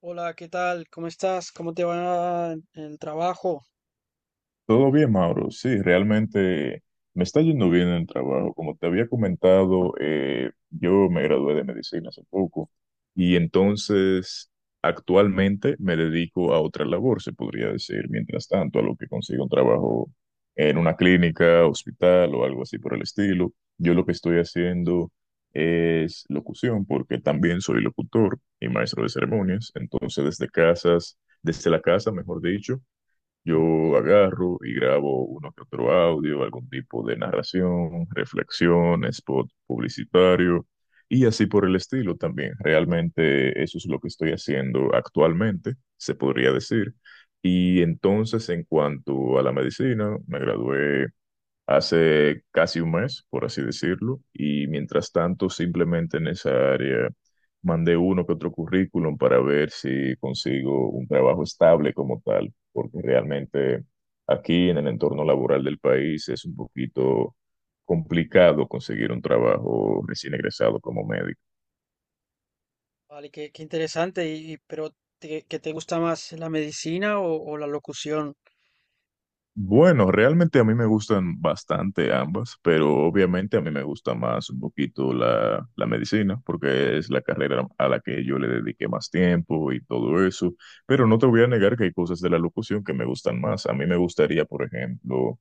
Hola, ¿qué tal? ¿Cómo estás? ¿Cómo te va en el trabajo? Todo bien, Mauro. Sí, realmente me está yendo bien en el trabajo. Como te había comentado, yo me gradué de medicina hace poco y entonces actualmente me dedico a otra labor, se podría decir, mientras tanto, a lo que consigo un trabajo en una clínica, hospital o algo así por el estilo. Yo lo que estoy haciendo es locución porque también soy locutor y maestro de ceremonias. Entonces, desde casas, desde la casa, mejor dicho. Yo agarro y grabo uno que otro audio, algún tipo de narración, reflexión, spot publicitario y así por el estilo también. Realmente eso es lo que estoy haciendo actualmente, se podría decir. Y entonces, en cuanto a la medicina, me gradué hace casi un mes, por así decirlo, y mientras tanto simplemente en esa área mandé uno que otro currículum para ver si consigo un trabajo estable como tal, porque realmente aquí en el entorno laboral del país es un poquito complicado conseguir un trabajo recién egresado como médico. Vale, qué interesante. Pero ¿qué te gusta más, la medicina o la locución? Bueno, realmente a mí me gustan bastante ambas, pero obviamente a mí me gusta más un poquito la medicina, porque es la carrera a la que yo le dediqué más tiempo y todo eso, pero no te voy a negar que hay cosas de la locución que me gustan más. A mí me gustaría, por ejemplo,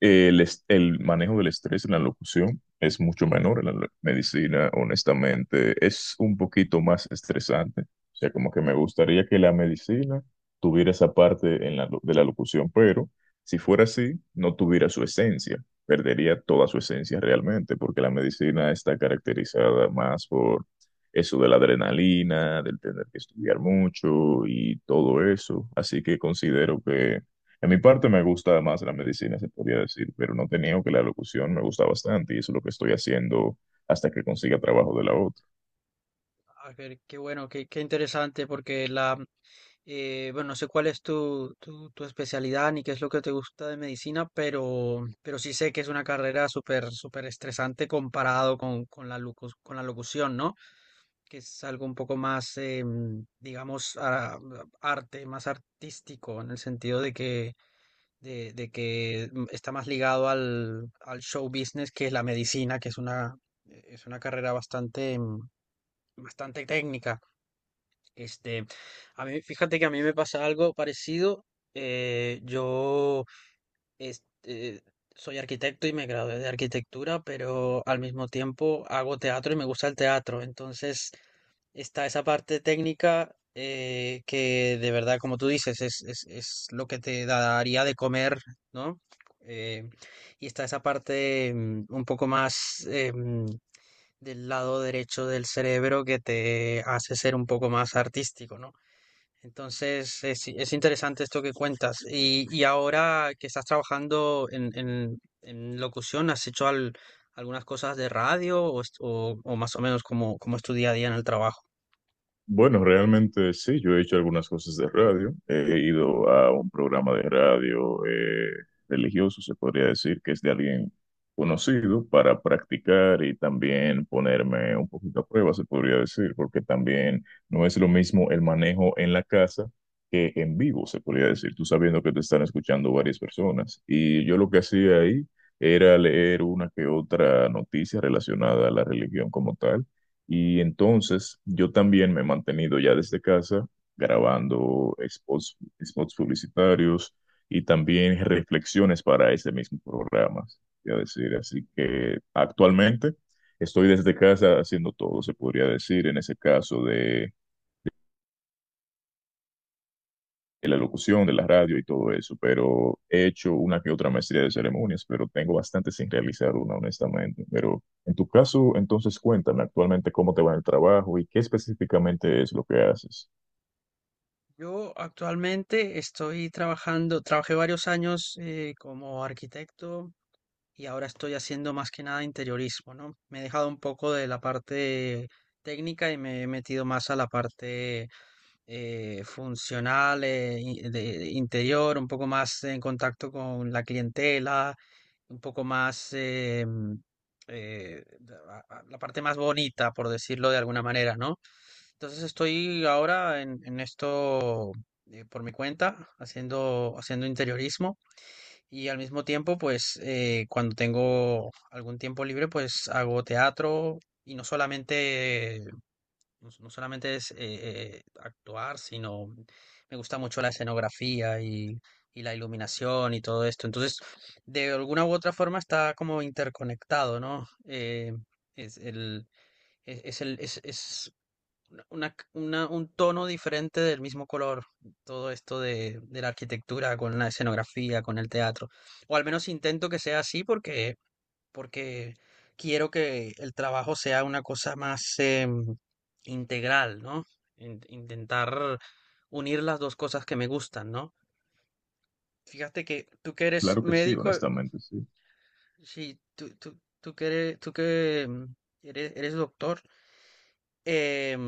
el manejo del estrés en la locución es mucho menor en la medicina, honestamente, es un poquito más estresante. O sea, como que me gustaría que la medicina tuviera esa parte en de la locución, pero si fuera así, no tuviera su esencia, perdería toda su esencia realmente, porque la medicina está caracterizada más por eso de la adrenalina, del tener que estudiar mucho y todo eso. Así que considero que en mi parte me gusta más la medicina, se podría decir, pero no te niego que la locución me gusta bastante y eso es lo que estoy haciendo hasta que consiga trabajo de la otra. A ver, qué bueno, qué interesante, porque la, bueno, no sé cuál es tu especialidad ni qué es lo que te gusta de medicina, pero sí sé que es una carrera súper estresante comparado con la con la locución, ¿no? Que es algo un poco más, digamos, arte, más artístico, en el sentido de que está más ligado al, al show business que es la medicina, es una carrera bastante, bastante técnica. Este, a mí, fíjate que a mí me pasa algo parecido. Yo este, soy arquitecto y me gradué de arquitectura, pero al mismo tiempo hago teatro y me gusta el teatro. Entonces, está esa parte técnica que de verdad, como tú dices, es lo que te daría de comer, ¿no? Eh, y está esa parte un poco más del lado derecho del cerebro que te hace ser un poco más artístico, ¿no? Entonces es interesante esto que cuentas. Y ahora que estás trabajando en locución, ¿has hecho algunas cosas de radio o o más o menos como, como es tu día a día en el trabajo? Bueno, realmente sí, yo he hecho algunas cosas de radio. He ido a un programa de radio religioso, se podría decir, que es de alguien conocido para practicar y también ponerme un poquito a prueba, se podría decir, porque también no es lo mismo el manejo en la casa que en vivo, se podría decir, tú sabiendo que te están escuchando varias personas. Y yo lo que hacía ahí era leer una que otra noticia relacionada a la religión como tal y entonces yo también me he mantenido ya desde casa grabando spots, spots publicitarios y también reflexiones para ese mismo programa, voy a decir. Así que actualmente estoy desde casa haciendo todo, se podría decir, en ese caso de la locución, de la radio y todo eso, pero he hecho una que otra maestría de ceremonias, pero tengo bastante sin realizar una, honestamente. Pero en tu caso, entonces cuéntame actualmente cómo te va en el trabajo y qué específicamente es lo que haces. Yo actualmente estoy trabajando, trabajé varios años como arquitecto y ahora estoy haciendo más que nada interiorismo, ¿no? Me he dejado un poco de la parte técnica y me he metido más a la parte funcional, de interior, un poco más en contacto con la clientela, un poco más eh, la parte más bonita, por decirlo de alguna manera, ¿no? Entonces estoy ahora en esto por mi cuenta, haciendo interiorismo y al mismo tiempo, pues cuando tengo algún tiempo libre, pues hago teatro y no solamente, no solamente es actuar, sino me gusta mucho la escenografía y la iluminación y todo esto. Entonces, de alguna u otra forma está como interconectado, ¿no? Es el, es un tono diferente del mismo color, todo esto de la arquitectura con la escenografía, con el teatro. O al menos intento que sea así porque quiero que el trabajo sea una cosa más integral, ¿no? Intentar unir las dos cosas que me gustan, ¿no? Fíjate que tú que eres Claro que sí, médico, honestamente sí. sí, tú que eres, tú que eres, eres doctor, em,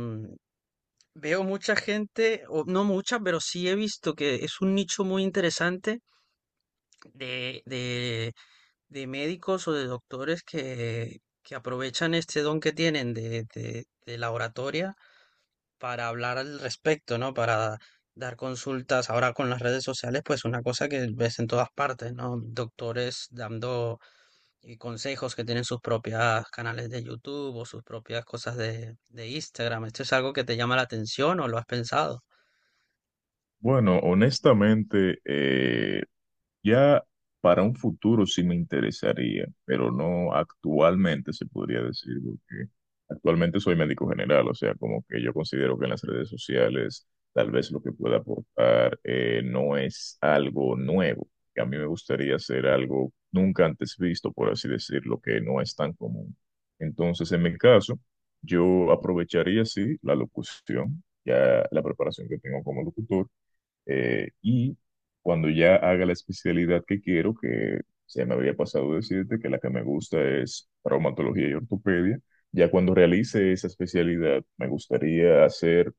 veo mucha gente, o no mucha, pero sí he visto que es un nicho muy interesante de, de, de médicos o de doctores que aprovechan este don que tienen de la oratoria para hablar al respecto, ¿no? Para dar consultas. Ahora con las redes sociales, pues una cosa que ves en todas partes, ¿no? Doctores dando consejos, que tienen sus propias canales de YouTube o sus propias cosas de Instagram. ¿Esto es algo que te llama la atención o lo has pensado? Bueno, honestamente, ya para un futuro sí me interesaría, pero no actualmente se podría decir, porque actualmente soy médico general, o sea, como que yo considero que en las redes sociales tal vez lo que pueda aportar no es algo nuevo, que a mí me gustaría hacer algo nunca antes visto, por así decirlo, que no es tan común. Entonces, en mi caso, yo aprovecharía, sí, la locución, ya la preparación que tengo como locutor y cuando ya haga la especialidad que quiero, que se me había pasado decirte que la que me gusta es traumatología y ortopedia, ya cuando realice esa especialidad me gustaría hacer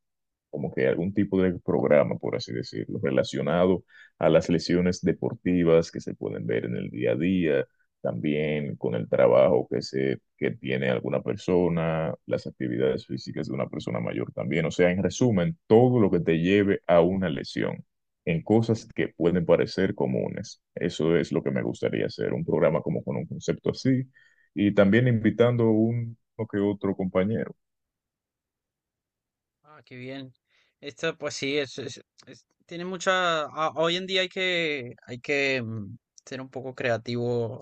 como que algún tipo de programa, por así decirlo, relacionado a las lesiones deportivas que se pueden ver en el día a día, también con el trabajo que se que tiene alguna persona, las actividades físicas de una persona mayor también, o sea, en resumen, todo lo que te lleve a una lesión en cosas que pueden parecer comunes. Eso es lo que me gustaría hacer, un programa como con un concepto así y también invitando un o que otro compañero. Ah, qué bien. Esto, pues sí, tiene mucha. Ah, hoy en día hay que ser un poco creativo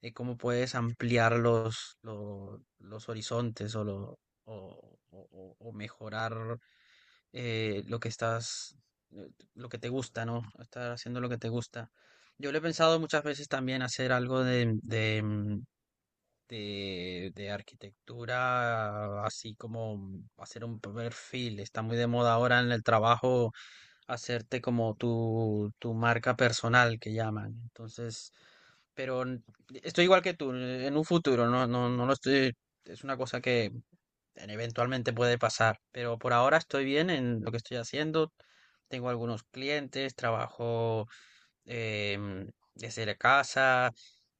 de cómo puedes ampliar los horizontes o, lo, o mejorar eh, lo que estás, eh, lo que te gusta, ¿no? Estar haciendo lo que te gusta. Yo lo he pensado muchas veces también hacer algo de arquitectura, así como hacer un perfil. Está muy de moda ahora en el trabajo hacerte como tu marca personal que llaman. Entonces, pero n- estoy igual que tú, en un futuro, no lo estoy, es una cosa que eventualmente puede pasar, pero por ahora estoy bien en lo que estoy haciendo. Tengo algunos clientes, trabajo desde la casa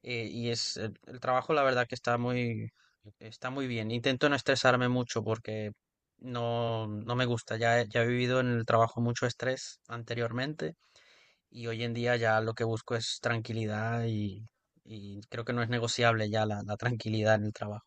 y es el trabajo la verdad que está muy bien. Intento no estresarme mucho porque no, no me gusta. Ya, ya he vivido en el trabajo mucho estrés anteriormente y hoy en día ya lo que busco es tranquilidad y creo que no es negociable ya la tranquilidad en el trabajo.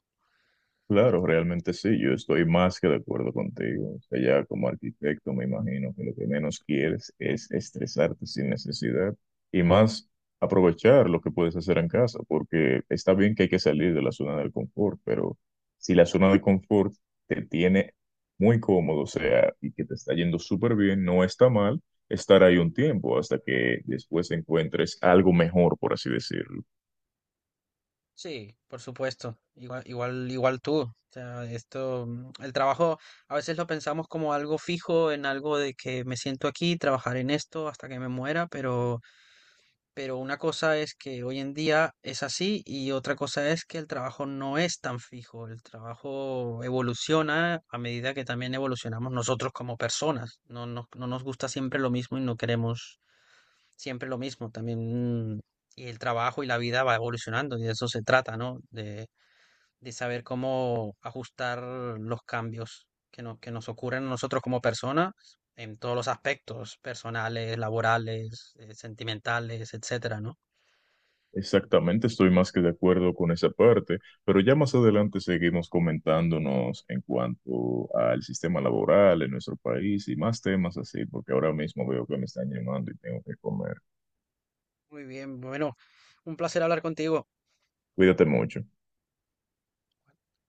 Claro, realmente sí, yo estoy más que de acuerdo contigo. O sea, ya como arquitecto me imagino que lo que menos quieres es estresarte sin necesidad y más aprovechar lo que puedes hacer en casa, porque está bien que hay que salir de la zona del confort, pero si la zona de confort te tiene muy cómodo, o sea, y que te está yendo súper bien, no está mal estar ahí un tiempo hasta que después encuentres algo mejor, por así decirlo. Sí, por supuesto. Igual, igual, igual tú. O sea, esto, el trabajo a veces lo pensamos como algo fijo, en algo de que me siento aquí, trabajar en esto hasta que me muera, pero una cosa es que hoy en día es así y otra cosa es que el trabajo no es tan fijo. El trabajo evoluciona a medida que también evolucionamos nosotros como personas. No nos gusta siempre lo mismo y no queremos siempre lo mismo. También y el trabajo y la vida va evolucionando y de eso se trata, ¿no? De saber cómo ajustar los cambios que, no- que nos ocurren a nosotros como personas en todos los aspectos, personales, laborales, sentimentales, etcétera, ¿no? Exactamente, estoy más que de acuerdo con esa parte, pero ya más adelante seguimos comentándonos en cuanto al sistema laboral en nuestro país y más temas así, porque ahora mismo veo que me están llamando y tengo que comer. Muy bien, bueno, un placer hablar contigo. Cuídate mucho.